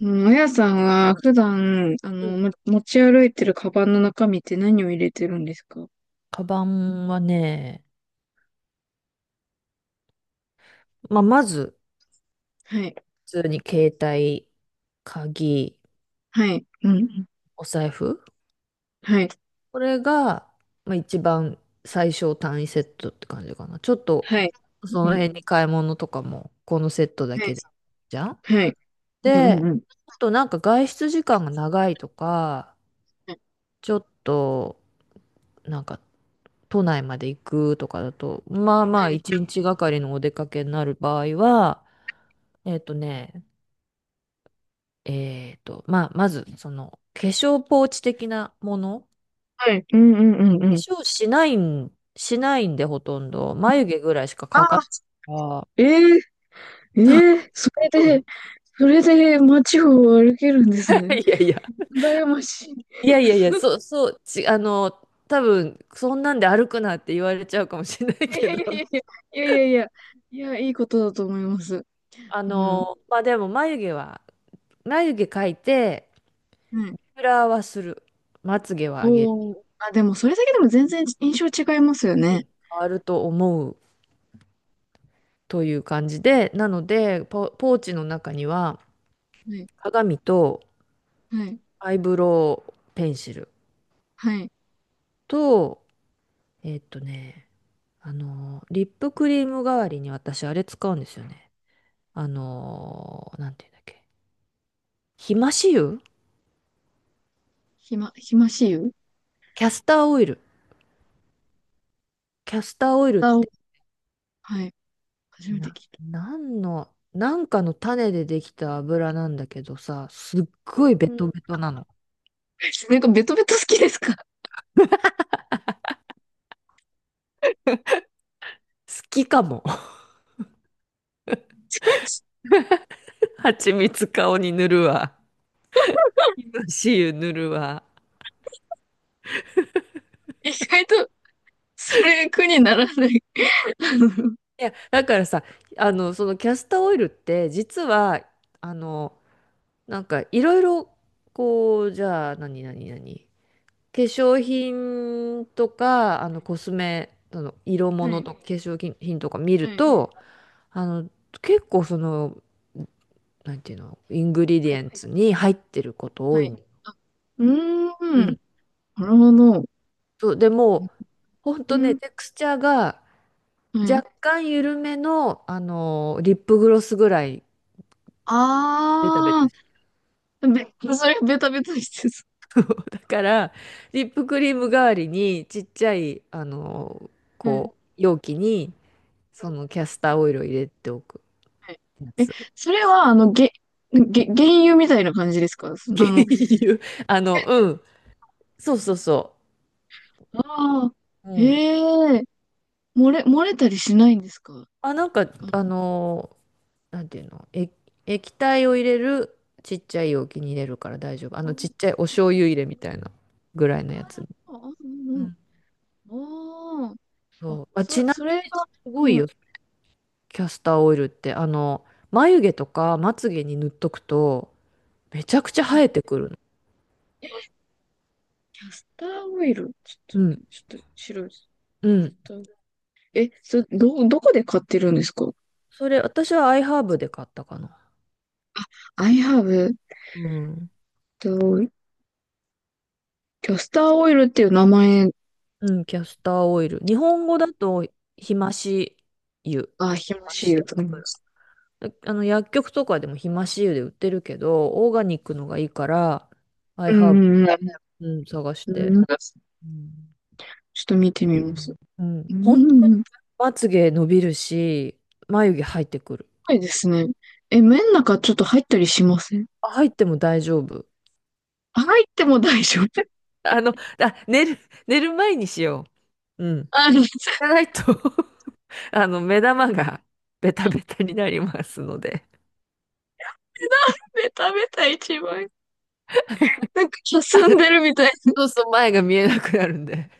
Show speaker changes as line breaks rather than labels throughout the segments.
うん。あやさんは普段、
うん。
持ち歩いてるカバンの中身って何を入れてるんですか？
カバンはね、まあ、まず、
はい。
普通に携帯、鍵、
はい。うん。うん。
お財布。
はい。
これが、まあ、一番最小単位セットって感じかな。ちょっと、
はい。
そ
う
の
ん。
辺に買い物とかも、このセットだ
はい。
けで、じゃん。
はい。うん、
で、
うん、うん。
あとなんか外出時間が長いとか、ちょっと、なんか、都内まで行くとかだと、まあま
は
あ、
い。
一日がかりのお出かけになる場合は、えっとね、えっと、まあ、まず、その、化粧ポーチ的なもの。
はい。うん、うん、うん、
化
うん。
粧しないん、しないんで、ほとんど。眉毛ぐらいしか
あ
か
あ、
かああ
ええええ、
ー、う
で、
ん。
それで街を歩けるんですね。
いやいや。
羨ましい。
いやいや いや、そう、そう、ち、あの、多分、そんなんで歩くなって言われちゃうかもしれない
い
け
やい
ど。
やいやい やいやいやいやいや、いいことだと思います。
あ
うん。
の、まあでも、眉毛は、眉毛描いて、
はい。
フラはする。まつげは上げる。
おー。あ、でもそれだけでも全然印象違いますよね。
変わると思うという感じで、なので、ポーチの中には、
はい、
鏡と、
はい、
アイブロウペンシル
はい。
と、えっとね、あの、リップクリーム代わりに私あれ使うんですよね。あの、なんていうんだっけ。ひまし油
ひましゆス
キャスターオイル。キャスターオイルっ
ターを、
て、
はい。初めて聞いた。
なんの、なんかの種でできた油なんだけどさ、すっごい
う
ベ
ん。
トベトなの。
なんかベトベト好きですか？
好きかも。蜂蜜顔に塗るわ。ひまし油塗るわ。
意外と、それ苦にならない。あの
いや、だからさ、あの、そのキャスターオイルって、実は、あの、なんかいろいろこうじゃあ何何何化粧品とかあのコスメその色
は
物
い、
とか化粧品品とか見
は
る
い、
とあの結構そのなんていうのイングリディ
はい、
エンツに入ってること
は
多い
い。
の。
あ、う
う
ーん。
ん。
なるほど。
そうでもうほん
う
とね
ん、
テクスチャーが
はい。
若干緩めの、あのリップグロスぐらいベタベ
あ
タ
ー、べ、それベタベタしてそ
だから、リップクリーム代わりに、ちっちゃい、あの、
う。はい。
こう、容器に、そのキャスターオイルを入れておく
はい。
や
え、
つ。
それは、げ、げ、原油みたいな感じですか？そ、
原油。あ
え、
の、うん。そうそうそ
ああ、
う。うん。
え、え、漏れたりしないんですか？
あ、なんか、
あの、
あの、なんていうの、え、液体を入れる、ちっちゃい容器に入れるから大丈夫。あ
あ
の、ちっちゃいお醤油入れみたいなぐらいのやつ。
あ、うん、
う
うん。
ん。
ああ、あ、
そう。あ、ち
そ、
な
そ
みに
れが、
すごいよ、
は
キャスターオイルって。あの、眉毛とかまつげに塗っとくと、めちゃくちゃ
い。え、
生えてくるの。
キャスターオイル。ちょっと、
うん。
ちょっと、白いです。
う
キャス
ん。
ターオイル。え、そ、ど、どこで買ってるんですか
それ、私はアイハーブで買ったかな。
?I have、
うん。
と、キャスターオイルっていう名前
うん、キャスターオイル。日本語だと、ひまし油。ひ
がひま
ま
し
し
いと思いま
油
す。
だあの、薬局とかでもひまし油で売ってるけど、オーガニックのがいいから、アイ
う
ハー
ん、うん、
ブ、うん、探して。
うん。ち
うん。
ょっと見てみます。
うん。
う
本当
ん、
に
うん。す
まつげ伸びるし、眉毛入ってくる。
ごいですね。え、麺の中ちょっと入ったりしません？
あ入っても大丈夫。
入っても大丈夫。
あの、あ、寝る前にしよう。うん。
あ、水
じゃないとあの、目玉が ベタベタになりますので。
で食べた一番。なんか、
あ
霞んでるみたい。
そうそう、前が見えなくなるんで。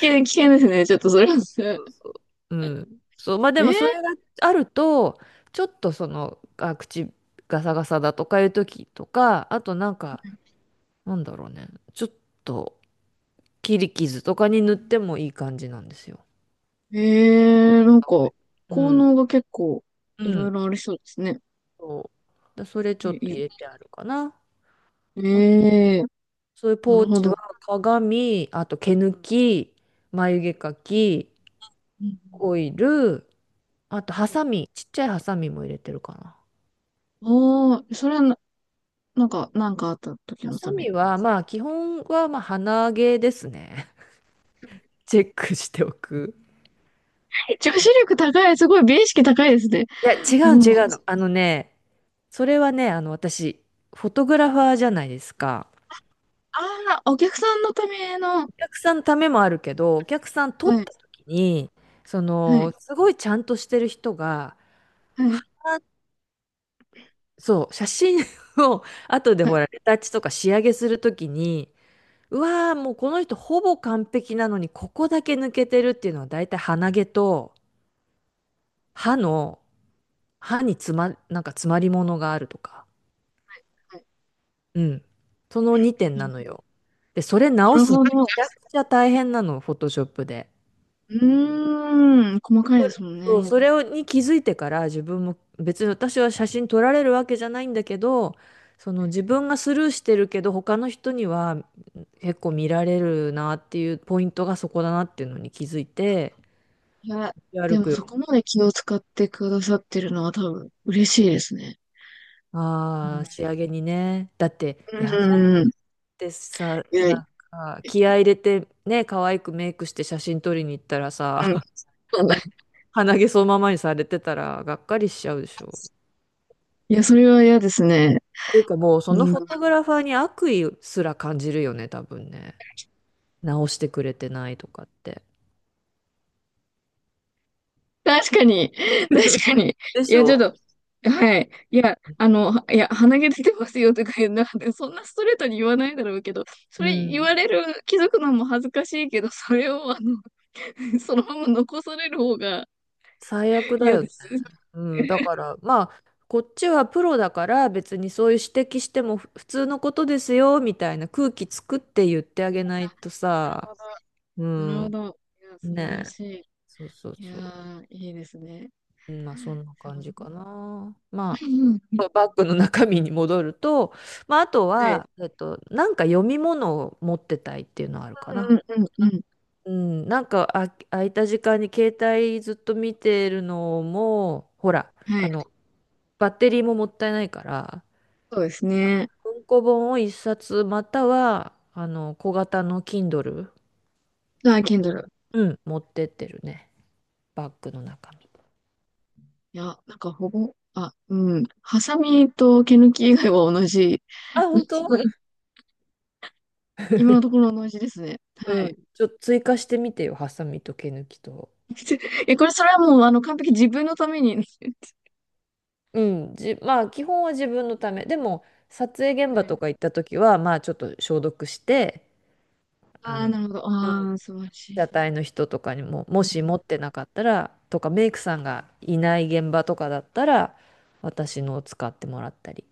危険ですね。ちょっとそれは。
そうそう。うん。そう、まあでもそれ
え
があると、ちょっとその、あ、口ガサガサだとかいう時とか、あとなんか、なんだろうね、ちょっと切り傷とかに塗ってもいい感じなんですよ。
えー、なん
青
か、
いう
効
ん。
能が結構、
う
いろい
ん。
ろありそうですね。
そう。だ、それちょ
え、
っと入
い、
れてあるかな。
ええ
そういう
ー、な
ポ
る
ー
ほ
チ
ど。
は鏡、あと毛抜き、眉毛描き、オイル、あとハサミ、ちっちゃいハサミも入れてるかな。
ああー、それはな、なんか、あった時
ハ
の
サ
ため。
ミはまあ基本はまあ鼻毛ですね。チェックしておく。
女子力高い、すごい美意識高いですね。
いや、違
う
うの
ん。あ
違うの。あのね、それはね、あの私、フォトグラファーじゃないですか。
あ、お客さんのための、
お客さんのためもあるけど、お客さん撮っ
はい、
た時に、そ
はい、
の、すごいちゃんとしてる人が、
はい、
はそう、写真を後で
は
ほ
い、
ら、レタッチとか仕上げする時に、うわー、もうこの人ほぼ完璧なのに、ここだけ抜けてるっていうのは大体鼻毛と歯の、歯につま、なんか詰まり物があるとか。
はい。
うん。その2点なの
な
よ。で、それ直
る
すの
ほ
め
ど。
ちゃくちゃ大変なの、フォトショップで。
うーん、細かいですもんね。
それに気づいてから自分も別に私は写真撮られるわけじゃないんだけど、その自分がスルーしてるけど他の人には結構見られるなっていうポイントがそこだなっていうのに気づいて、
いや、で
歩
もそ
く
こまで気を使ってくださってるのは多分嬉しいですね。
ああ、
う
仕上げにね。だって、
ん、
嫌じゃんっ
うん。
てさ、
いや、
なんか、気合い入れて、ね、可愛くメイクして写真撮りに行ったら
うん。
さ、
そう だ、
ね、鼻毛そのままにされてたら、がっかりしちゃうでしょ。
いや、それは嫌ですね。
っていうかもう、そ
う
の
ん。
フォトグラファーに悪意すら感じるよね、多分ね。直してくれてないとかって。
確かに。確かに。
で
い
し
や、ちょっ
ょ
と、はい。いや、はいや、鼻毛出てますよとか言う、なんで、そんなストレートに言わないだろうけど、そ
う
れ言
ん。
われる、気づくのも恥ずかしいけど、それを、そのまま残される方が
最悪だ
嫌
よ
で
ね。
す。
うん、だからまあこっちはプロだから別にそういう指摘しても普通のことですよみたいな空気作って言ってあげないと
なるほ
さ、う
ど。なるほ
ん、
ど。いや、素晴ら
ねえ、
し
そうそう
い。いや
そう、
ー、いいですね。
うんまあそんな感じかな。ま あ
う
バッグの中身に戻ると、まあ、あとは、えっと、なんか読み物を持ってたいっていうのはあるか
ん、うん、
な。
はい。うん、うん、うん、うん。
うん、なんかあ空いた時間に携帯ずっと見てるのもほら
は
あ
い。
のバッテリーももったいないから
そうですね。
文庫本を一冊またはあの小型の Kindle、
あ、Kindle。
うん、持ってってるねバッグの中身
いや、なんかほぼ、あ、うん。ハサミと毛抜き以外は同じ。
あ本当
今のところ同じですね。は
う
い。
んちょっと追加してみてよハサミと毛抜きと
え、これ、それはもう、完璧自分のために。
うんじまあ基本は自分のためでも撮影現
は
場
い。
とか行った時はまあちょっと消毒して
あ
あ
あ、
の
なるほど。ああ、素晴らし
車
い。
体の人とかにも、もし持ってなかったら、とかメイクさんがいない現場とかだったら、私のを使ってもらったり。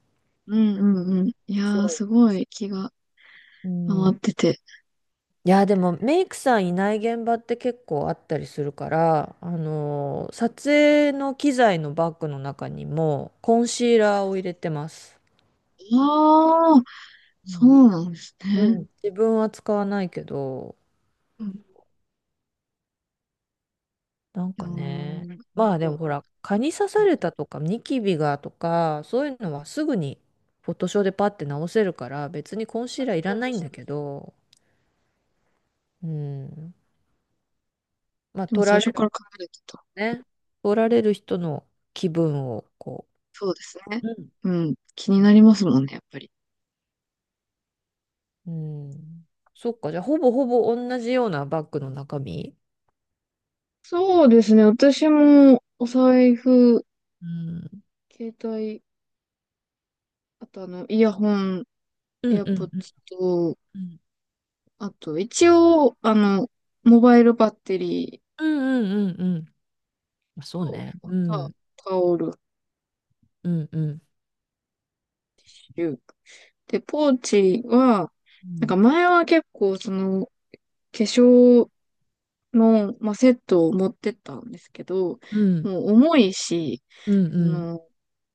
うん、うん、うん。いやー、
そ
すごい気が
う。う
回
ん。
ってて。
いや、でもメイクさんいない現場って結構あったりするから、あのー撮影の機材のバッグの中にもコンシーラーを入れてます。
ああ、
う
そ
ん
うなんです
う
ね。
ん。自分は使わないけど、
うん。い
なん
や
か
ー、
ね、
なる
まあで
ほ
も
ど。
ほら、蚊に刺されたとか、ニキビがとか、そういうのはすぐにフォトショーでパッて直せるから、別にコンシーラーいらないんだけど、うん。まあ
でも
取
最
られ
初か
る
ら考えてた。
ね。取られる人の気分をこ
そうですね。
うん。
うん。気に
うん。
なりますもんね、やっぱり。
うん。そっか、じゃあほぼほぼ同じようなバッグの中身。
そうですね。私も、お財布、
うん。
携帯、あとイヤホン、
うん
エ
う
ア
ん
ポッ
うん
ツと、
うん。
あと、一応、モバイルバッテリ
うんうんうんうん。まあ
ー
そう
と、
ね。
あ
う
と
ん。
タオル、
うんうん。
リュック。で、ポーチは、
う
なんか
ん。
前は結構、その、化粧の、まあ、セットを持ってったんですけど、
うん
もう重いし、
うんう
あ
ん
の、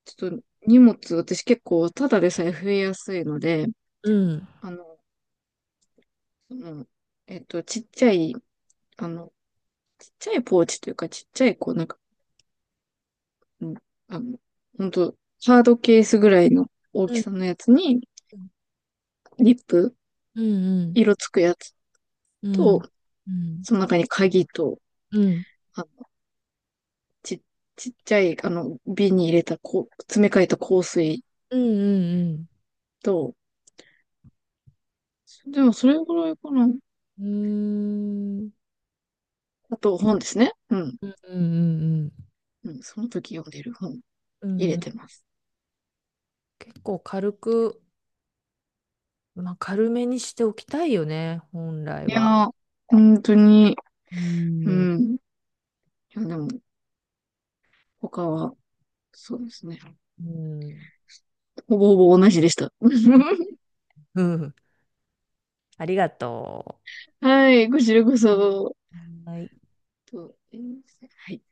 ちょっと荷物、私結構ただでさえ増えやすいので、
うん
あの、その、ちっちゃい、あの、ちっちゃいポーチというか、ちっちゃい、こう、なんか、うん、あの、ほんと、ハードケースぐらいの大
う
き
ん
さのやつに、リップ、
うんうん
色つくやつ
う
と、
んうん
その中に鍵と、
うん
あ、ち、ちっちゃい、瓶に入れた、こう、詰め替えた香水
うん
と、でもそれぐらいかな。
うんうんうーん
あと、本ですね。うん。
うんうん
うん、その時読んでる本
う
入
ん
れ
うん
てます。
結構軽く、まあ、軽めにしておきたいよね本来
い
は。
やー、本当に、
う
う
ん
ん。いや、でも、他は、そうですね。
うん
ほぼほぼ同じでした。
うんありがと
はい、こちらこそ。
う。はい
と、はい。